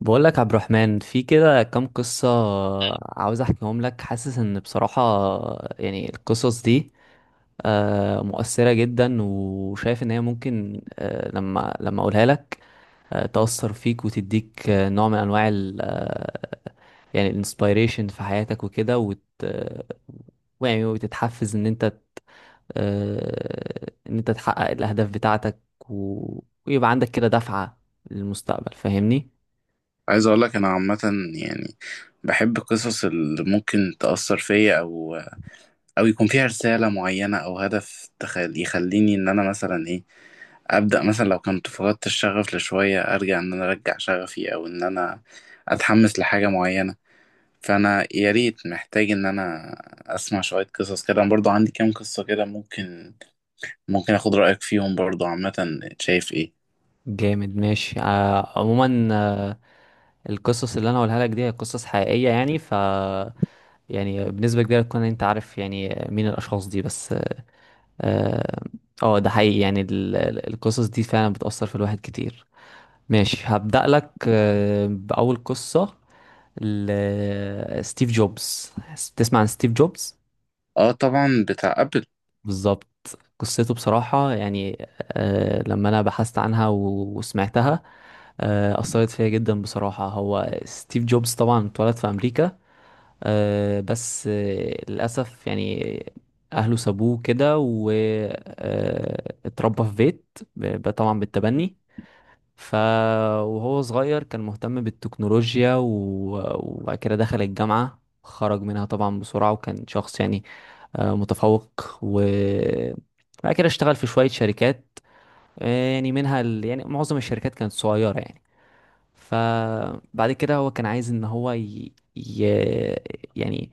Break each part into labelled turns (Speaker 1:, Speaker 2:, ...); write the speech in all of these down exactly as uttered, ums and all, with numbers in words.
Speaker 1: بقول لك عبد الرحمن في كده كام قصة، عاوز احكيهم لك. حاسس ان بصراحة يعني القصص دي آه، مؤثرة جدا، وشايف ان هي ممكن آه، لما لما اقولها لك آه، تأثر فيك، وتديك آه، نوع من انواع ال آه، يعني الانسبيريشن في حياتك وكده، وت آه، ويعني وتتحفز ان انت آه، ان انت تحقق الاهداف بتاعتك و... ويبقى عندك كده دفعة للمستقبل، فاهمني؟
Speaker 2: عايز اقول لك انا عامه، يعني بحب القصص اللي ممكن تاثر فيا او او يكون فيها رساله معينه او هدف تخل... يخليني ان انا مثلا ايه ابدا مثلا لو كنت فقدت الشغف لشويه ارجع ان انا ارجع شغفي او ان انا اتحمس لحاجه معينه. فانا يا ريت محتاج ان انا اسمع شويه قصص كده، انا برضو عندي كام قصه كده ممكن ممكن اخد رايك فيهم برضو. عامه شايف ايه؟
Speaker 1: جامد، ماشي. آه، عموما آه، القصص اللي انا هقولها لك دي هي قصص حقيقية. يعني ف يعني بنسبة كبيرة تكون انت عارف يعني مين الاشخاص دي، بس اه آه، ده حقيقي. يعني ال- ال- القصص دي فعلا بتأثر في الواحد كتير. ماشي، هبدأ لك آه، بأول قصة ل- ستيف جوبز. تسمع عن ستيف جوبز؟
Speaker 2: اه طبعا، بتاع ابل.
Speaker 1: بالظبط. قصته بصراحة يعني آه لما أنا بحثت عنها و- وسمعتها آه أثرت فيا جدا بصراحة. هو ستيف جوبز طبعا اتولد في أمريكا آه بس آه للأسف يعني أهله سابوه كده، واتربى في بيت ب- طبعا بالتبني. ف وهو صغير كان مهتم بالتكنولوجيا و- وبعد كده دخل الجامعة، خرج منها طبعا بسرعة، وكان شخص يعني آه، متفوق. وبعد كده اشتغل في شوية شركات آه، يعني منها ال... يعني معظم الشركات كانت صغيرة يعني. فبعد كده هو كان عايز ان هو ي... ي... يعني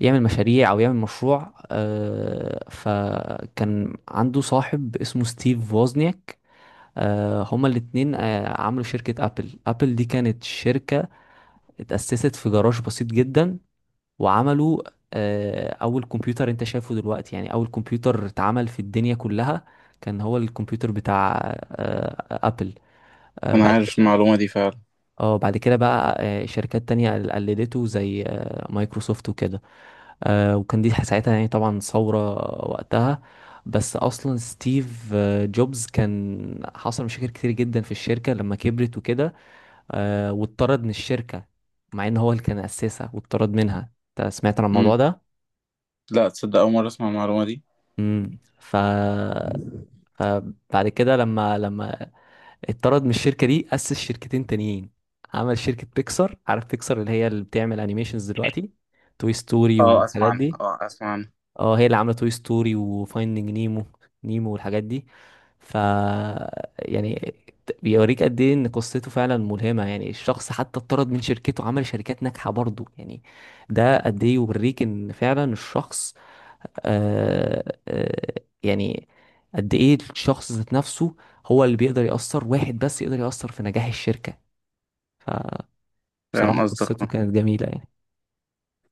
Speaker 1: يعمل مشاريع او يعمل مشروع آه، فكان عنده صاحب اسمه ستيف ووزنياك. آه، هما الاتنين آه، عملوا شركة أبل. أبل دي كانت شركة اتأسست في جراج بسيط جدا. وعملوا آه، اول كمبيوتر انت شايفه دلوقتي، يعني اول كمبيوتر اتعمل في الدنيا كلها كان هو الكمبيوتر بتاع آه، ابل. آه،
Speaker 2: انا
Speaker 1: بعد
Speaker 2: عارف المعلومه دي فعلا.
Speaker 1: اه بعد كده بقى آه، شركات تانية قلدته زي آه، مايكروسوفت وكده. آه، وكان دي ساعتها يعني طبعا ثورة وقتها. بس اصلا ستيف آه، جوبز كان حصل مشاكل كتير جدا في الشركة لما كبرت وكده، آه، واتطرد من الشركة، مع ان هو اللي كان اسسها واتطرد منها. انت سمعت عن الموضوع ده؟
Speaker 2: لا تصدق، أول مرة أسمع المعلومة دي.
Speaker 1: امم ف... فبعد كده لما لما اتطرد من الشركه دي، اسس شركتين تانيين. عمل شركه بيكسار. عارف بيكسار اللي هي اللي بتعمل انيميشنز دلوقتي؟ توي ستوري
Speaker 2: اه أسمع
Speaker 1: والحاجات
Speaker 2: عنها،
Speaker 1: دي.
Speaker 2: اه أسمع عنها.
Speaker 1: اه، هي اللي عامله توي ستوري وفايندينج نيمو. نيمو والحاجات دي. ف يعني بيوريك قد ايه ان قصته فعلا ملهمه، يعني الشخص حتى اتطرد من شركته، عمل شركات ناجحه برضه يعني. ده قد ايه يوريك ان فعلا الشخص آه آه يعني قد ايه الشخص ذات نفسه هو اللي بيقدر يأثر. واحد بس يقدر يأثر في نجاح الشركة. بصراحة
Speaker 2: فاهم قصدك،
Speaker 1: قصته
Speaker 2: اه.
Speaker 1: كانت جميلة يعني.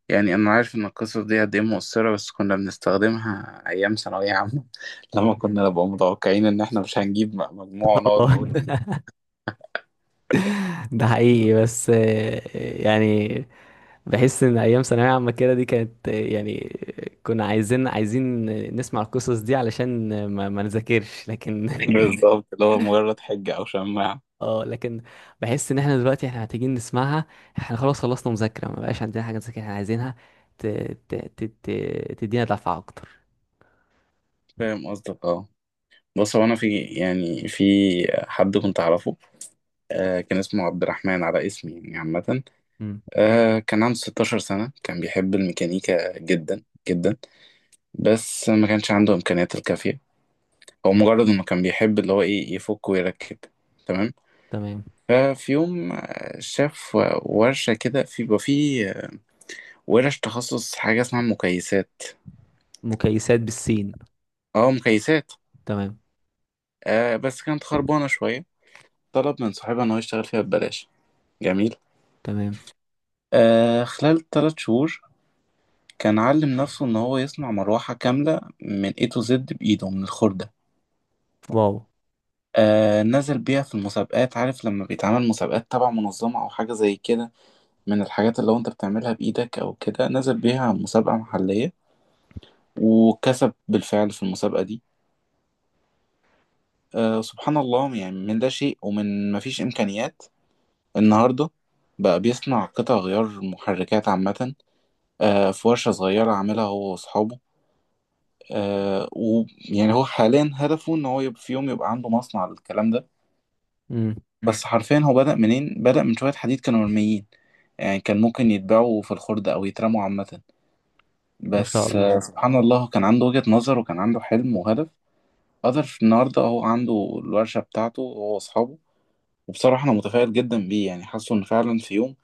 Speaker 2: يعني أنا عارف إن القصص دي قد إيه مؤثرة، بس كنا بنستخدمها أيام ثانوية عامة لما كنا نبقى متوقعين إن إحنا مش هنجيب م- مجموع ونقعد نقول
Speaker 1: والله. ده حقيقي. بس آه، يعني بحس ان ايام ثانويه عامه كده دي كانت آه، يعني كنا عايزين عايزين نسمع القصص دي علشان ما, ما نذاكرش، لكن
Speaker 2: بالظبط، اللي هو مجرد حجة أو شماعة.
Speaker 1: اه. لكن بحس ان احنا دلوقتي احنا محتاجين نسمعها. احنا خلاص خلصنا مذاكرة، ما بقاش عندنا حاجة نذاكر. احنا عايزينها ت... ت... ت... ت... تدينا دفعة اكتر.
Speaker 2: فاهم قصدك، اه. بص هو أنا في، يعني في حد كنت أعرفه، آه، كان اسمه عبد الرحمن على اسمي يعني عامة،
Speaker 1: امم.
Speaker 2: آه، كان عنده 16 سنة، كان بيحب الميكانيكا جدا جدا. بس ما كانش عنده إمكانيات الكافية، هو مجرد انه كان بيحب اللي هو ايه يفك ويركب، تمام.
Speaker 1: تمام.
Speaker 2: ففي يوم آه، شاف ورشة كده، في بقى في ورش تخصص حاجة اسمها مكيسات.
Speaker 1: مكيسات بالسين؟
Speaker 2: اه مكيسات.
Speaker 1: تمام.
Speaker 2: آه بس كانت خربانة شوية، طلب من صاحبها ان هو يشتغل فيها ببلاش. جميل،
Speaker 1: تمام.
Speaker 2: آه خلال ثلاث شهور كان علم نفسه ان هو يصنع مروحة كاملة من إيه تو زد بإيده من الخردة.
Speaker 1: واو.
Speaker 2: آه نزل بيها في المسابقات، عارف لما بيتعمل مسابقات تبع منظمة او حاجة زي كده، من الحاجات اللي هو انت بتعملها بايدك او كده. نزل بيها مسابقة محلية، وكسب بالفعل في المسابقة دي. آه سبحان الله، يعني من لا شيء ومن ما فيش امكانيات، النهاردة بقى بيصنع قطع غيار محركات عامة، آه في ورشة صغيرة عاملها هو واصحابه. آه ويعني هو حاليا هدفه ان هو يبقى في يوم يبقى عنده مصنع للكلام ده.
Speaker 1: امم.
Speaker 2: مم. بس حرفيا هو بدأ منين؟ بدأ من شوية حديد كانوا مرميين، يعني كان ممكن يتباعوا في الخردة او يترموا عامة.
Speaker 1: ما شاء
Speaker 2: بس آه،
Speaker 1: الله.
Speaker 2: سبحان الله، كان عنده وجهة نظر وكان عنده حلم وهدف. قدر النهارده هو عنده الورشة بتاعته هو وأصحابه. وبصراحة أنا متفائل جدا بيه، يعني حاسه إن فعلا في يوم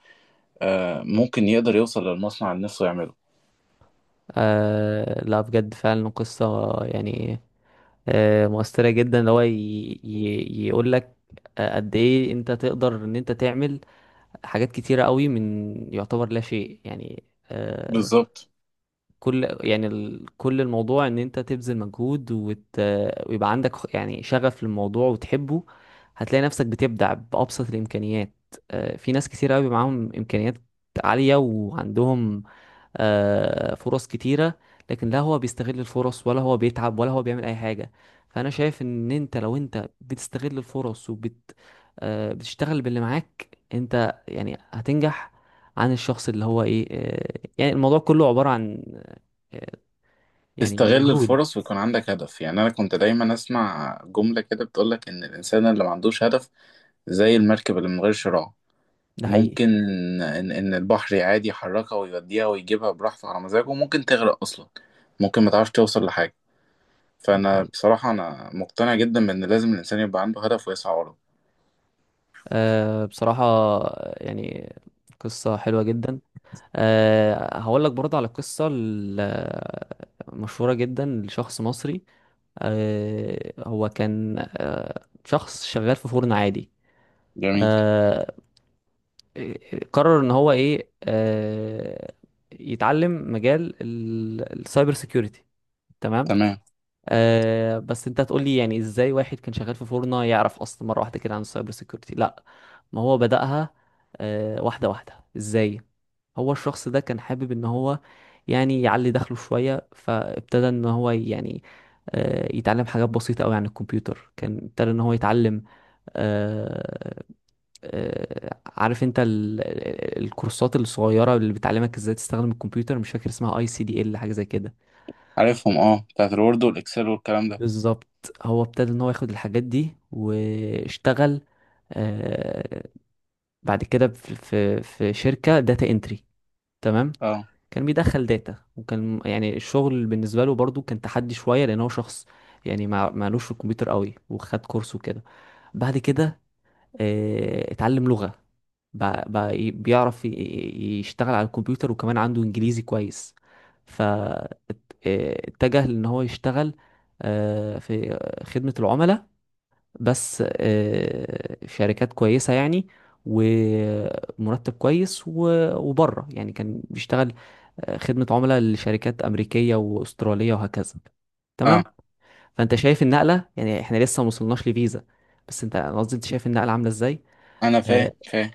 Speaker 2: آه، ممكن يقدر يوصل للمصنع اللي نفسه يعمله.
Speaker 1: آه لا، بجد فعلا قصة يعني آه مؤثرة جدا، اللي هو ي... ي... يقول لك آه، قد ايه انت تقدر ان انت تعمل حاجات كتيرة قوي من يعتبر لا شيء يعني. آه،
Speaker 2: بالظبط،
Speaker 1: كل يعني ال... كل الموضوع ان انت تبذل مجهود وت... ويبقى عندك خ- يعني شغف للموضوع وتحبه. هتلاقي نفسك بتبدع بأبسط الإمكانيات. آه، في ناس كتير قوي معاهم إمكانيات عالية، وعندهم آه، فرص كتيرة، لكن لا هو بيستغل الفرص، ولا هو بيتعب، ولا هو بيعمل أي حاجة. فأنا شايف إن أنت لو أنت بتستغل الفرص وبت آه، بتشتغل باللي معاك أنت، يعني هتنجح عن الشخص اللي هو إيه. آه، يعني الموضوع كله عبارة عن يعني
Speaker 2: تستغل
Speaker 1: مجهود.
Speaker 2: الفرص ويكون عندك هدف. يعني أنا كنت دايما أسمع جملة كده بتقولك إن الإنسان اللي ما عندوش هدف زي المركب اللي من غير شراع،
Speaker 1: ده حقيقي.
Speaker 2: ممكن إن إن البحر عادي يحركها ويوديها ويجيبها براحته على مزاجه، وممكن تغرق أصلا، ممكن ما تعرفش توصل لحاجة.
Speaker 1: ده
Speaker 2: فأنا
Speaker 1: حقيقي.
Speaker 2: بصراحة أنا مقتنع جدا بإن لازم الإنسان يبقى عنده هدف ويسعى وراه.
Speaker 1: أه بصراحة يعني قصة حلوة جدا. أه هقول لك برضه على القصة المشهورة جدا لشخص مصري. أه هو كان أه شخص شغال في فرن عادي.
Speaker 2: جميل،
Speaker 1: أه قرر ان هو ايه، أه يتعلم مجال ال- السايبر سيكيورتي. تمام.
Speaker 2: تمام.
Speaker 1: آه بس انت هتقول لي يعني ازاي واحد كان شغال في فورنا يعرف اصلا مره واحده كده عن السايبر سيكيورتي؟ لا، ما هو بدأها آه واحده واحده. ازاي؟ هو الشخص ده كان حابب ان هو يعني يعلي دخله شويه، فابتدى ان هو يعني آه يتعلم حاجات بسيطه قوي عن الكمبيوتر. كان ابتدى ان هو يتعلم آه آه عارف انت ال- ال- الكورسات الصغيره اللي بتعلمك ازاي تستخدم الكمبيوتر؟ مش فاكر اسمها اي سي دي ال، حاجه زي كده.
Speaker 2: عارفهم، اه، بتاعت الوورد والاكسل والكلام ده.
Speaker 1: بالظبط. هو ابتدى ان هو ياخد الحاجات دي واشتغل آه بعد كده في في في شركة داتا انتري. تمام.
Speaker 2: اه.
Speaker 1: كان بيدخل داتا، وكان يعني الشغل بالنسبة له برضو كان تحدي شوية لان هو شخص يعني ما معلوش في الكمبيوتر قوي، وخد كورس وكده. بعد كده آه، اتعلم لغة. بقى بقى ي- بيعرف ي- ي- يشتغل على الكمبيوتر، وكمان عنده انجليزي كويس. ف ات- آه، اتجه لان هو يشتغل آه، في خدمة العملاء، بس آه، في شركات كويسة يعني، ومرتب كويس و- وبره يعني كان بيشتغل آه، خدمة عملاء لشركات أمريكية وأسترالية وهكذا. تمام.
Speaker 2: اه
Speaker 1: فأنت شايف النقلة؟ يعني احنا لسه ما وصلناش لفيزا، بس انت أنا قصدي انت شايف النقلة عاملة ازاي.
Speaker 2: انا فاهم
Speaker 1: آه،
Speaker 2: فاهم.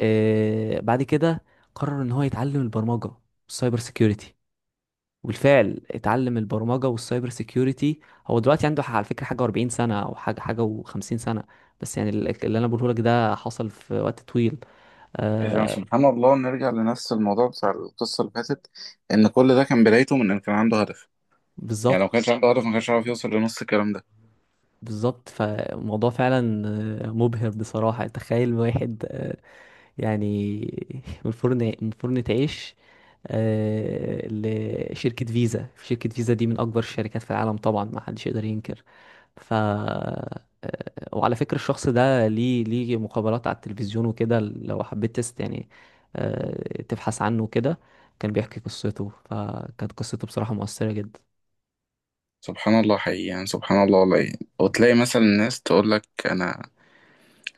Speaker 1: آه، بعد كده قرر ان هو يتعلم البرمجة والسايبر سيكيورتي. وبالفعل اتعلم البرمجة والسايبر سيكيورتي. هو دلوقتي عنده ح- على فكرة حاجة و40 سنة او حاجة حاجة و50 سنة. بس يعني ال- اللي انا بقوله لك ده حصل في وقت طويل.
Speaker 2: اذا
Speaker 1: آه.
Speaker 2: سبحان الله نرجع لنفس الموضوع بتاع القصه اللي فاتت، ان كل ده كان بدايته من ان كان عنده هدف. يعني لو
Speaker 1: بالظبط.
Speaker 2: ما كانش عنده هدف ما كانش عارف يوصل لنص الكلام ده.
Speaker 1: بالظبط. فالموضوع فعلا آه، مبهر بصراحة. تخيل واحد آه، يعني من فرن، من فرن تعيش آه، لشركة فيزا. شركة فيزا دي من أكبر الشركات في العالم طبعا، ما حدش يقدر ينكر. ف آه، وعلى فكرة الشخص ده ليه ليه مقابلات على التلفزيون وكده، لو حبيت تست يعني آه، تبحث عنه كده، كان بيحكي قصته، فكانت قصته بصراحة مؤثرة جدا.
Speaker 2: سبحان الله حقيقي، يعني سبحان الله والله يعني. وتلاقي مثلا الناس تقول لك، انا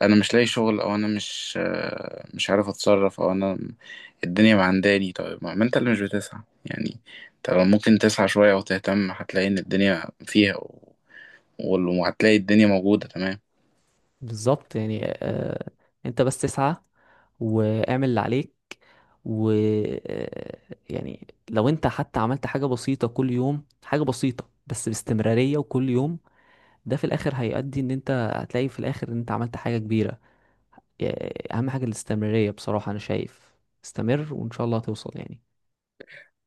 Speaker 2: انا مش لاقي شغل، او انا مش آه، مش عارف اتصرف، او انا الدنيا معنداني. طيب ما ما انت اللي مش بتسعى. يعني انت لو ممكن تسعى شوية او تهتم، هتلاقي ان الدنيا فيها و- وال- وهتلاقي الدنيا موجودة، تمام.
Speaker 1: بالظبط. يعني آه، انت بس تسعى واعمل اللي عليك و آه، يعني لو انت حتى عملت حاجة بسيطة كل يوم، حاجة بسيطة بس باستمرارية، وكل يوم ده في الاخر هيؤدي ان انت هتلاقي في الاخر ان انت عملت حاجة كبيرة. آه، اهم حاجة الاستمرارية. بصراحة انا شايف استمر وان شاء الله هتوصل يعني.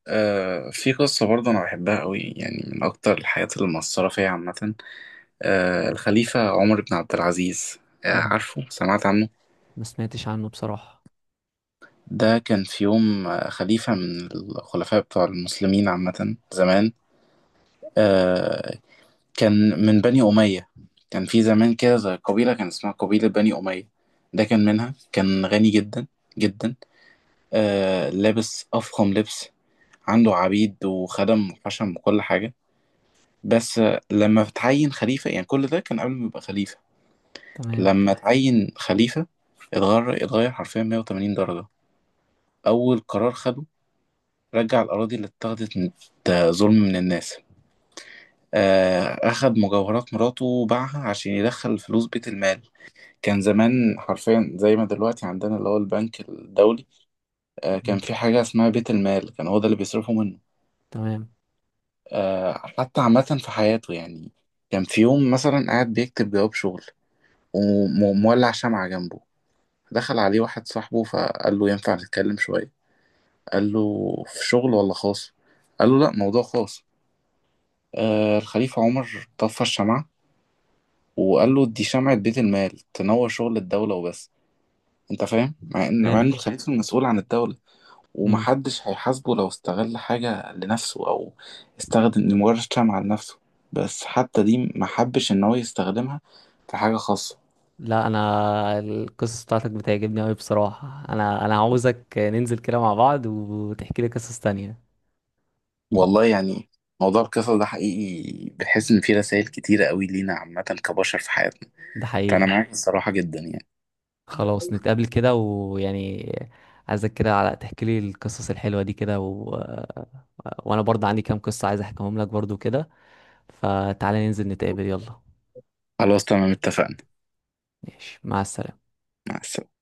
Speaker 2: آه في قصة برضه أنا بحبها قوي، يعني من أكتر الحاجات اللي مأثرة فيا عامة. آه الخليفة عمر بن عبد العزيز، آه
Speaker 1: مم.
Speaker 2: عارفه؟ سمعت عنه؟
Speaker 1: ما سمعتش عنه بصراحة.
Speaker 2: ده كان في يوم آه، خليفة من الخلفاء بتوع المسلمين عامة زمان، آه، كان من بني أمية. كان في زمان كده زي قبيلة، كان اسمها قبيلة بني أمية، ده كان منها. كان غني جدا جدا، آه لابس أفخم لبس، عنده عبيد وخدم وحشم وكل حاجة. بس آه، لما اتعين خليفة، يعني كل ده كان قبل ما يبقى خليفة.
Speaker 1: تمام.
Speaker 2: لما اتعين خليفة اتغير، اتغير حرفيا 180 درجة. أول قرار خده، رجع الأراضي اللي اتاخدت من آه، ظلم من الناس. آه أخد مجوهرات مراته وباعها عشان يدخل فلوس بيت المال. كان زمان حرفيا زي ما دلوقتي عندنا اللي هو البنك الدولي، آه، كان
Speaker 1: مم.
Speaker 2: في حاجة اسمها بيت المال، كان هو ده اللي بيصرفوا منه.
Speaker 1: تمام.
Speaker 2: آه، حتى عامة في حياته، يعني كان في يوم مثلا قاعد بيكتب جواب شغل ومولع شمعة جنبه. دخل عليه واحد صاحبه فقال له ينفع نتكلم شوية؟ قال له في شغل ولا خاص؟ قال له لا موضوع خاص. آه، الخليفة عمر طفى الشمعة وقال له دي شمعة بيت المال تنور شغل الدولة وبس. انت فاهم؟ مع ان مع ان
Speaker 1: فهمتك.
Speaker 2: الخليفة المسؤول عن الدولة
Speaker 1: امم.
Speaker 2: ومحدش هيحاسبه لو استغل حاجة لنفسه أو استخدم لمجرد شمعة لنفسه، بس حتى دي محبش إن هو يستخدمها في حاجة خاصة.
Speaker 1: لا، انا القصص بتاعتك بتعجبني قوي بصراحة. انا انا عاوزك ننزل كده مع بعض وتحكي لي قصص تانية.
Speaker 2: والله يعني، موضوع القصص ده حقيقي بحس إن فيه رسائل كتيرة قوي لينا عامة كبشر في حياتنا.
Speaker 1: ده
Speaker 2: فأنا
Speaker 1: حقيقي.
Speaker 2: معاك الصراحة جدا يعني.
Speaker 1: خلاص، نتقابل كده ويعني عايزك كده على تحكي لي القصص الحلوة دي كده و... وانا برضه عندي كام قصة عايز احكيهم لك برضه كده. فتعالى ننزل نتقابل. يلا.
Speaker 2: خلاص تمام اتفقنا.
Speaker 1: ماشي، مع السلامة.
Speaker 2: مع السلامة.